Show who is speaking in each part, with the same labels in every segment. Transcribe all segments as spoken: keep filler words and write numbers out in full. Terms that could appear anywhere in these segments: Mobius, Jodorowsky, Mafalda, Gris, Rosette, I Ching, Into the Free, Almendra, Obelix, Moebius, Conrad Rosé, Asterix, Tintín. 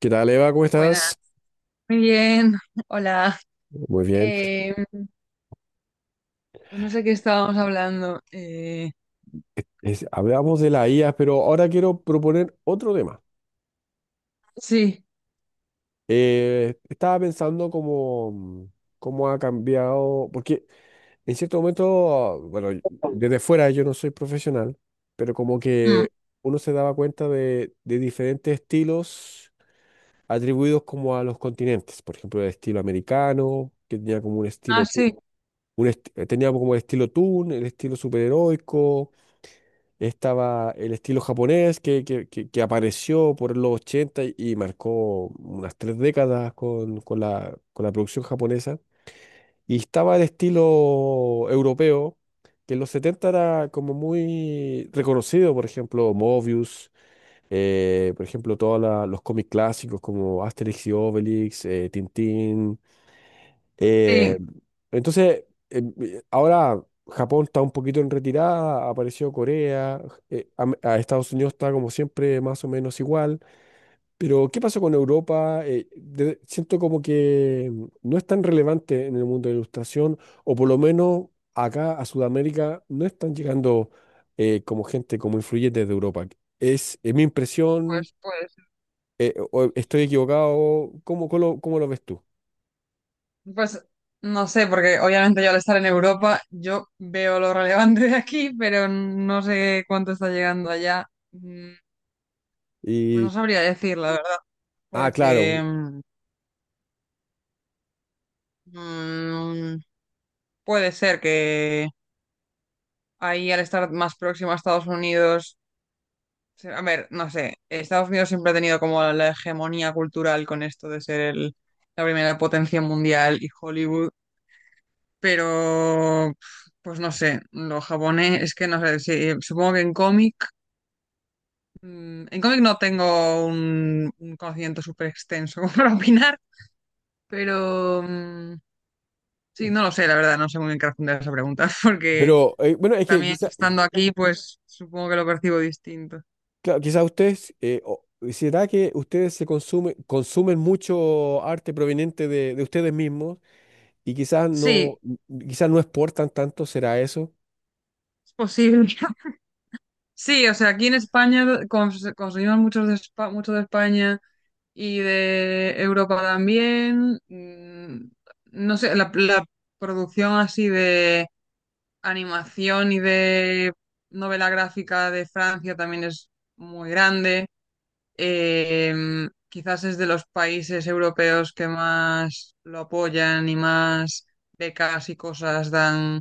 Speaker 1: ¿Qué tal, Eva? ¿Cómo
Speaker 2: Buenas,
Speaker 1: estás?
Speaker 2: muy bien, hola.
Speaker 1: Muy bien.
Speaker 2: Eh, pues no sé qué estábamos hablando. Eh,
Speaker 1: Es- hablamos de la I A, pero ahora quiero proponer otro tema.
Speaker 2: sí.
Speaker 1: Eh, estaba pensando cómo, cómo ha cambiado, porque en cierto momento, bueno, y- desde fuera yo no soy profesional, pero como
Speaker 2: Mm.
Speaker 1: que uno se daba cuenta de, de diferentes estilos atribuidos como a los continentes. Por ejemplo, el estilo americano, que tenía como un
Speaker 2: Ah,
Speaker 1: estilo, tu-
Speaker 2: sí,
Speaker 1: un esti- tenía como el estilo toon, el estilo superheroico. Estaba el estilo japonés que, que- que- que apareció por los ochenta y, y marcó unas tres décadas con, con la, con la producción japonesa. Y estaba el estilo europeo, que en los setenta era como muy reconocido, por ejemplo, Mobius, eh, por ejemplo, todos los cómics clásicos como Asterix y Obelix, eh, Tintín. eh,
Speaker 2: sí.
Speaker 1: entonces, em, eh, ahora Japón está un poquito en retirada, apareció Corea. Eh, a, a Estados Unidos está como siempre más o menos igual, pero ¿qué pasó con Europa? Eh, de- siento como que mm, no es tan relevante en el mundo de la ilustración, o por lo menos acá a Sudamérica no están llegando eh, como gente, como influyentes de Europa. Es, es mi impresión.
Speaker 2: pues, pues,
Speaker 1: Eh, o- ¿estoy equivocado? ¿cómo, cómo lo, cómo lo ves tú?
Speaker 2: pues no sé, porque obviamente yo al estar en Europa, yo veo lo relevante de aquí, pero no sé cuánto está llegando allá. Mm. Pues no
Speaker 1: Y,
Speaker 2: sabría decir, la verdad,
Speaker 1: ah, claro.
Speaker 2: porque mm, mm, puede ser que ahí al estar más próximo a Estados Unidos. Sí. A ver, no sé, Estados Unidos siempre ha tenido como la hegemonía cultural con esto de ser el- la primera potencia mundial y Hollywood, pero pues no sé, los japonés es que no sé, sí, supongo que en cómic. Mm, en cómic no tengo un, un conocimiento súper extenso para opinar, pero mm, sí, no lo sé, la verdad, no sé muy bien qué responder a esa pregunta, porque
Speaker 1: Pero eh, bueno, es que
Speaker 2: también
Speaker 1: quizás
Speaker 2: estando aquí, pues supongo que lo percibo distinto.
Speaker 1: quizá ustedes, eh, o- ¿será que ustedes se consumen, consumen mucho arte proveniente de, de ustedes mismos y quizás no,
Speaker 2: Sí,
Speaker 1: quizás no exportan tanto? ¿Será eso?
Speaker 2: es posible. Sí, o sea, aquí en España cons- consumimos muchos de Espa- mucho de España y de Europa también. Mm. No sé, la, la producción así de animación y de novela gráfica de Francia también es muy grande. Eh, Quizás es de los países europeos que más lo apoyan y más becas y cosas dan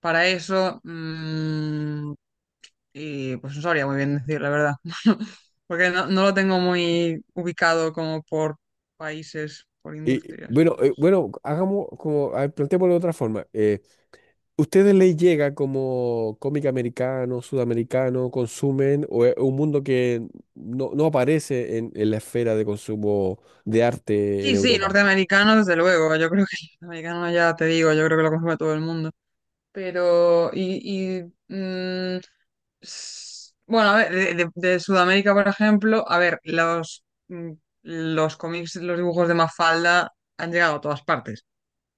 Speaker 2: para eso. Mm. Y pues no sabría muy bien decir la verdad, porque no, no lo tengo muy ubicado como por países, por
Speaker 1: Y
Speaker 2: industrias.
Speaker 1: bueno, eh,
Speaker 2: Entonces...
Speaker 1: bueno, hagamos como, a ver, planteémoslo de otra forma. Eh, ¿ustedes les llega como cómic americano, sudamericano, consumen, o es un mundo que no, no aparece en, en la esfera de consumo de arte en
Speaker 2: Sí, sí,
Speaker 1: Europa?
Speaker 2: norteamericano, desde luego. Yo creo que el norteamericano ya te digo, yo creo que lo consume todo el mundo. Pero, y, y, mm, s- bueno, a ver, de, de- de Sudamérica, por ejemplo, a ver, los, mm, los cómics, los dibujos de Mafalda han llegado a todas partes,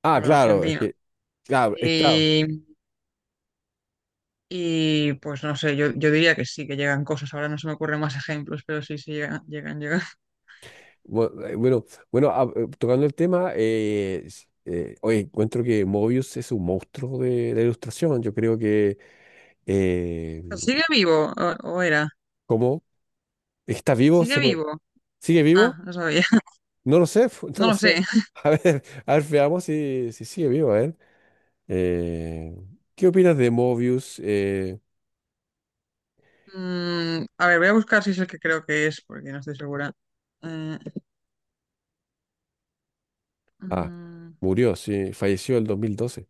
Speaker 1: Ah,
Speaker 2: por
Speaker 1: claro, es
Speaker 2: Argentina.
Speaker 1: que, claro, es claro.
Speaker 2: Y pues no sé, yo, yo diría que sí, que llegan cosas. Ahora no se me ocurren más ejemplos, pero sí, sí, llegan, llegan, llegan.
Speaker 1: Bu- eh, Bueno, bueno, ah, eh, tocando el tema, eh, s- eh, oye, encuentro que Mobius es un monstruo de la ilustración. Yo creo que. eh,
Speaker 2: ¿Sigue vivo? ¿O, o era?
Speaker 1: ¿Cómo? ¿Está vivo?
Speaker 2: ¿Sigue
Speaker 1: ¿Se mo-
Speaker 2: vivo?
Speaker 1: ¿Sigue vivo?
Speaker 2: Ah, no sabía.
Speaker 1: No lo sé, no
Speaker 2: No
Speaker 1: lo
Speaker 2: lo
Speaker 1: sé.
Speaker 2: sé.
Speaker 1: A ver, a ver, veamos si, si sigue vivo. A ver, Eh, ¿Qué opinas de Mobius? Eh,
Speaker 2: Mm, a ver, voy a buscar si es el que creo que es, porque no estoy segura. Eh,
Speaker 1: ah,
Speaker 2: mm,
Speaker 1: Murió, sí, falleció el dos mil doce.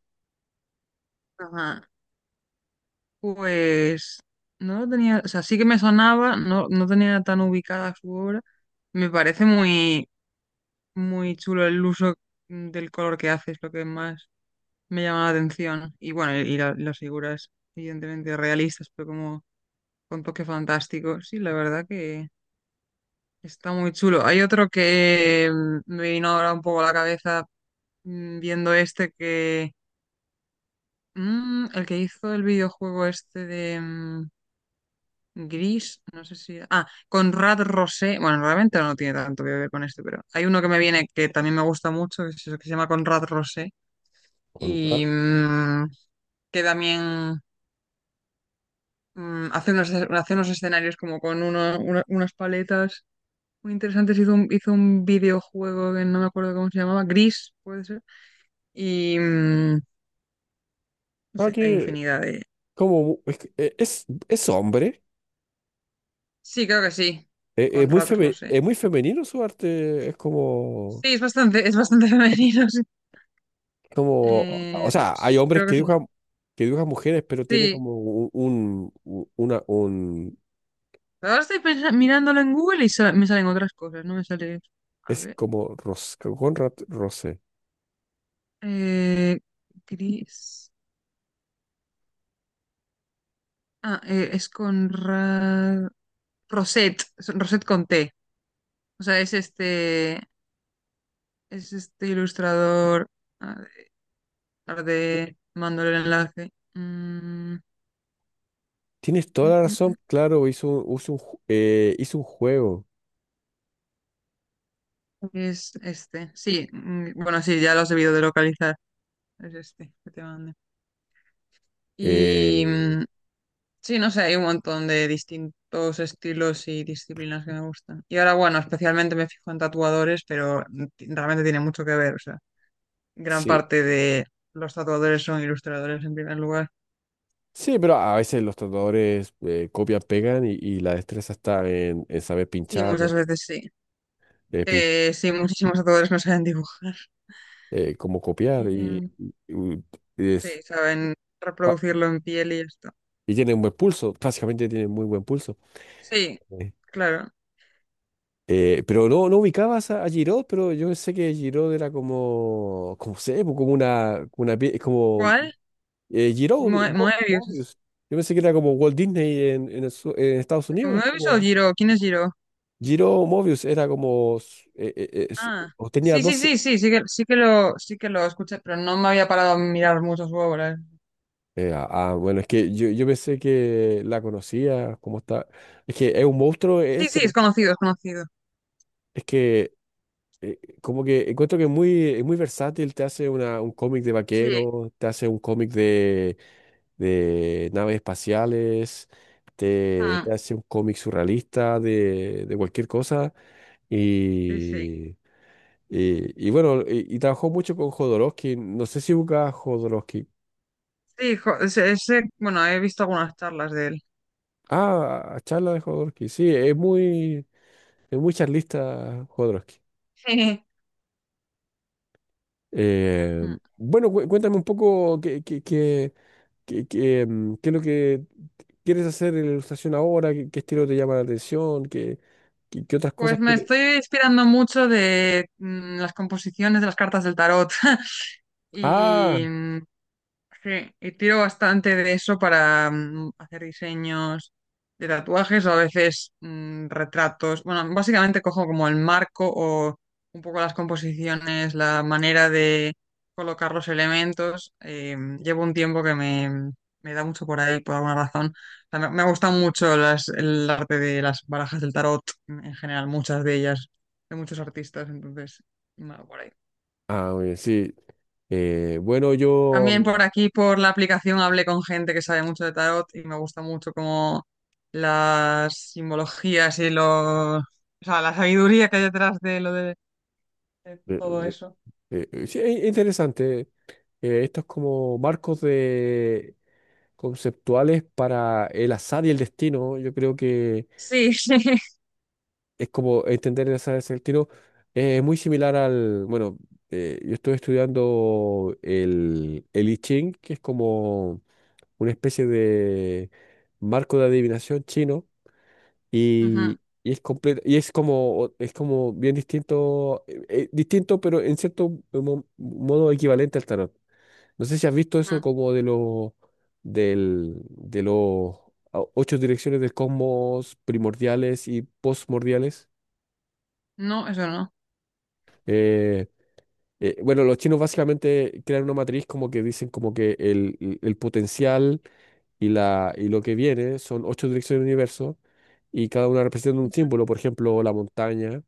Speaker 2: ajá. Pues no lo tenía, o sea, sí que me sonaba, no, no tenía tan ubicada su obra. Me parece muy, muy chulo el uso mm, del color que hace, es lo que más me llama la atención. Y bueno, y, y la- las figuras, evidentemente realistas, pero como con toque fantástico. Sí, la verdad que está muy chulo. Hay otro que mm, me vino ahora un poco a la cabeza mm, viendo este que. Mm, el que hizo el videojuego este de mm, Gris, no sé si. Ah, Conrad Rosé. Bueno, realmente no tiene tanto que ver con este, pero hay uno que me viene que también me gusta mucho, que se que se llama Conrad Rosé.
Speaker 1: Con- Ah,
Speaker 2: Y mm, que también. Mm, hace unos, hace unos escenarios como con uno- una- unas paletas muy interesantes. Hizo un, hizo un videojuego que no me acuerdo cómo se llamaba, Gris, puede ser. Y mm, no
Speaker 1: ah,
Speaker 2: sé, hay
Speaker 1: que,
Speaker 2: infinidad de.
Speaker 1: ¿cómo? mu- Es, que, eh, es, es hombre?
Speaker 2: Sí, creo que sí,
Speaker 1: Es, es
Speaker 2: con
Speaker 1: muy
Speaker 2: Rat
Speaker 1: feme-
Speaker 2: Rose.
Speaker 1: es muy femenino su arte, es como,
Speaker 2: Sí, es bastante, es bastante femenino, sí.
Speaker 1: como, o
Speaker 2: Eh, pero
Speaker 1: sea, hay
Speaker 2: sí,
Speaker 1: hombres
Speaker 2: creo que
Speaker 1: que
Speaker 2: es uno.
Speaker 1: dibujan, que dibujan mujeres, pero tiene
Speaker 2: Sí,
Speaker 1: como un, un- u- una, un,
Speaker 2: ahora estoy pensa- mirándolo en Google y sa- me salen otras cosas, no me sale. A
Speaker 1: es
Speaker 2: ver.
Speaker 1: como Ros, Conrad Rose.
Speaker 2: Eh, Gris. Ah, eh, es con Ra- Rosette, es Rosette con T. O sea, es este, es este ilustrador. A ver, tarde mando el enlace. Mm,
Speaker 1: Tienes
Speaker 2: mm,
Speaker 1: toda la
Speaker 2: mm,
Speaker 1: razón,
Speaker 2: mm.
Speaker 1: claro, hizo, un, hizo un ju- eh, hizo un juego.
Speaker 2: Es este. Sí, mm, bueno, sí, ya lo has debido de localizar. Es este que te mandé. Y
Speaker 1: Eh,
Speaker 2: mm, sí, no sé, hay un montón de distintos estilos y disciplinas que me gustan. Y ahora, bueno, especialmente me fijo en tatuadores, pero ti- realmente tiene mucho que ver. O sea, gran
Speaker 1: sí,
Speaker 2: parte de los tatuadores son ilustradores en primer lugar.
Speaker 1: sí, pero a veces los tatuadores eh, copian, pegan, y, y la destreza está en, en saber
Speaker 2: Sí,
Speaker 1: pinchar,
Speaker 2: muchas veces sí.
Speaker 1: eh, pin-
Speaker 2: Eh, sí, muchísimos tatuadores no saben dibujar.
Speaker 1: eh, cómo copiar, y,
Speaker 2: Em,
Speaker 1: y- y
Speaker 2: sí,
Speaker 1: es-
Speaker 2: saben reproducirlo en piel y ya está.
Speaker 1: Y tiene un buen pulso, básicamente tiene muy buen pulso.
Speaker 2: Sí,
Speaker 1: Sí.
Speaker 2: claro.
Speaker 1: Eh, pero no, no ubicabas a, a Giroud, pero yo sé que Giroud era como, como sé, pues, como una, como una pie- como
Speaker 2: ¿Cuál?
Speaker 1: eh, Giroud,
Speaker 2: Moe-
Speaker 1: Mo-
Speaker 2: Moebius.
Speaker 1: Mobius. Yo pensé que era como Walt Disney en, en el su- en Estados Unidos, es
Speaker 2: ¿Moebius o
Speaker 1: como
Speaker 2: Giro? ¿Quién es Giro?
Speaker 1: Giroud Mobius, era como, su- eh, eh, eh, su-
Speaker 2: Ah,
Speaker 1: o tenía
Speaker 2: sí, sí,
Speaker 1: doce.
Speaker 2: sí, sí, sí que, sí que lo, sí que lo escuché, pero no me había parado a mirar mucho su obra.
Speaker 1: Eh, ah, ah, bueno, es que yo, yo pensé que la conocía, como está. Es que es un monstruo
Speaker 2: Sí,
Speaker 1: este,
Speaker 2: sí, es
Speaker 1: porque
Speaker 2: conocido, es conocido.
Speaker 1: es que eh, como que encuentro que es muy, es muy versátil, te hace una, un cómic de
Speaker 2: Sí,
Speaker 1: vaqueros, te hace un cómic de, de naves espaciales, te,
Speaker 2: ah,
Speaker 1: te hace un cómic surrealista de, de cualquier cosa.
Speaker 2: sí, sí.
Speaker 1: Y, y, y bueno, y, y trabajó mucho con Jodorowsky. No sé si busca a Jodorowsky.
Speaker 2: Sí, jo- ese- ese, bueno, he visto algunas charlas de él.
Speaker 1: Ah, charla de Jodorowsky. Sí, es muy, es muy, charlista Jodorowsky. Eh,
Speaker 2: Sí.
Speaker 1: bueno, cué- cuéntame un poco qué, qué, qué- ¿Qué, qué, mm, qué es lo que quieres hacer en la ilustración ahora? ¿Qué, qué estilo te llama la atención? ¿Qué, qué, qué otras cosas
Speaker 2: Pues me
Speaker 1: quieres?
Speaker 2: estoy inspirando mucho de mm, las composiciones de las cartas del tarot.
Speaker 1: Ah,
Speaker 2: Y, mm, Sí, y tiro bastante de eso para mm, hacer diseños de tatuajes o a veces mm, retratos. Bueno, básicamente cojo como el marco o un poco las composiciones, la manera de colocar los elementos. Eh, llevo un tiempo que me, me da mucho por ahí, por alguna razón. O sea, me, me gustan mucho las, el arte de las barajas del tarot, en general, muchas de ellas, de muchos artistas, entonces, me va por ahí.
Speaker 1: ah, Muy bien, sí. Eh, bueno, yo...
Speaker 2: También por aquí, por la aplicación, hablé con gente que sabe mucho de tarot y me gusta mucho como las simbologías y los, o sea, la sabiduría que hay detrás de lo de, de
Speaker 1: eh,
Speaker 2: todo
Speaker 1: eh,
Speaker 2: eso.
Speaker 1: eh, eh, sí, es interesante. Eh, estos como marcos de conceptuales para el azar y el destino. Yo creo que
Speaker 2: Sí, sí.
Speaker 1: es como entender el azar y el destino. eh, Es muy similar al... Bueno, eh, yo estoy estudiando el, el I Ching, que es como una especie de marco de adivinación chino,
Speaker 2: Ujú,
Speaker 1: y, y es completo y es como es como bien distinto eh, eh, distinto pero en cierto mo- modo equivalente al tarot. No sé si has visto eso
Speaker 2: ujú.
Speaker 1: como de los del de los o- ocho direcciones del cosmos primordiales y postmordiales.
Speaker 2: No, eso no.
Speaker 1: Eh, eh, bueno, los chinos básicamente crean una matriz, como que dicen como que el, el el potencial, y, la, y lo que viene son ocho direcciones del universo, y cada una representa un símbolo, por ejemplo, la montaña,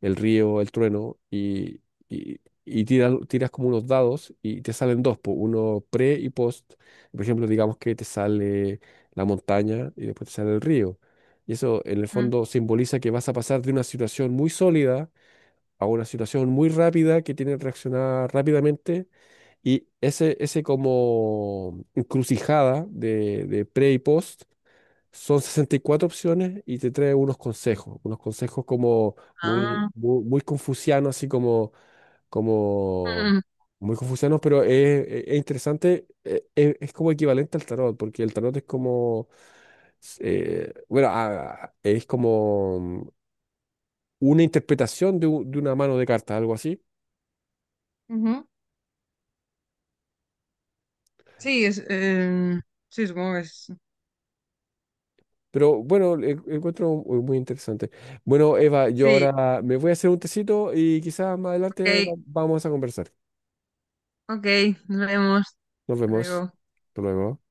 Speaker 1: el río, el trueno. Y, y, y tiras, tiras como unos dados y te salen dos, po, uno pre y post. Por ejemplo, digamos que te sale la montaña y después te sale el río. Y eso en el
Speaker 2: Mm.
Speaker 1: fondo simboliza que vas a pasar de una situación muy sólida a una situación muy rápida que tiene que reaccionar rápidamente, y ese, ese como encrucijada de, de pre y post son sesenta y cuatro opciones y te trae unos consejos, unos consejos como muy,
Speaker 2: Ah,
Speaker 1: muy, muy confucianos, así como, como
Speaker 2: mm,
Speaker 1: muy confucianos. Pero es, es- es interesante, eh, es, es como equivalente al tarot, porque el tarot es como, eh, bueno, ah, es como una interpretación de, u- de una mano de cartas, algo así.
Speaker 2: ujú. Sí, es, eh, sí, supongo que es.
Speaker 1: Pero bueno, en- encuentro muy muy interesante. Bueno, Eva, yo
Speaker 2: Sí,
Speaker 1: ahora me voy a hacer un tecito y quizás más adelante va-
Speaker 2: ok,
Speaker 1: vamos a conversar.
Speaker 2: ok, nos vemos.
Speaker 1: Nos
Speaker 2: Hasta
Speaker 1: vemos.
Speaker 2: luego.
Speaker 1: Hasta luego.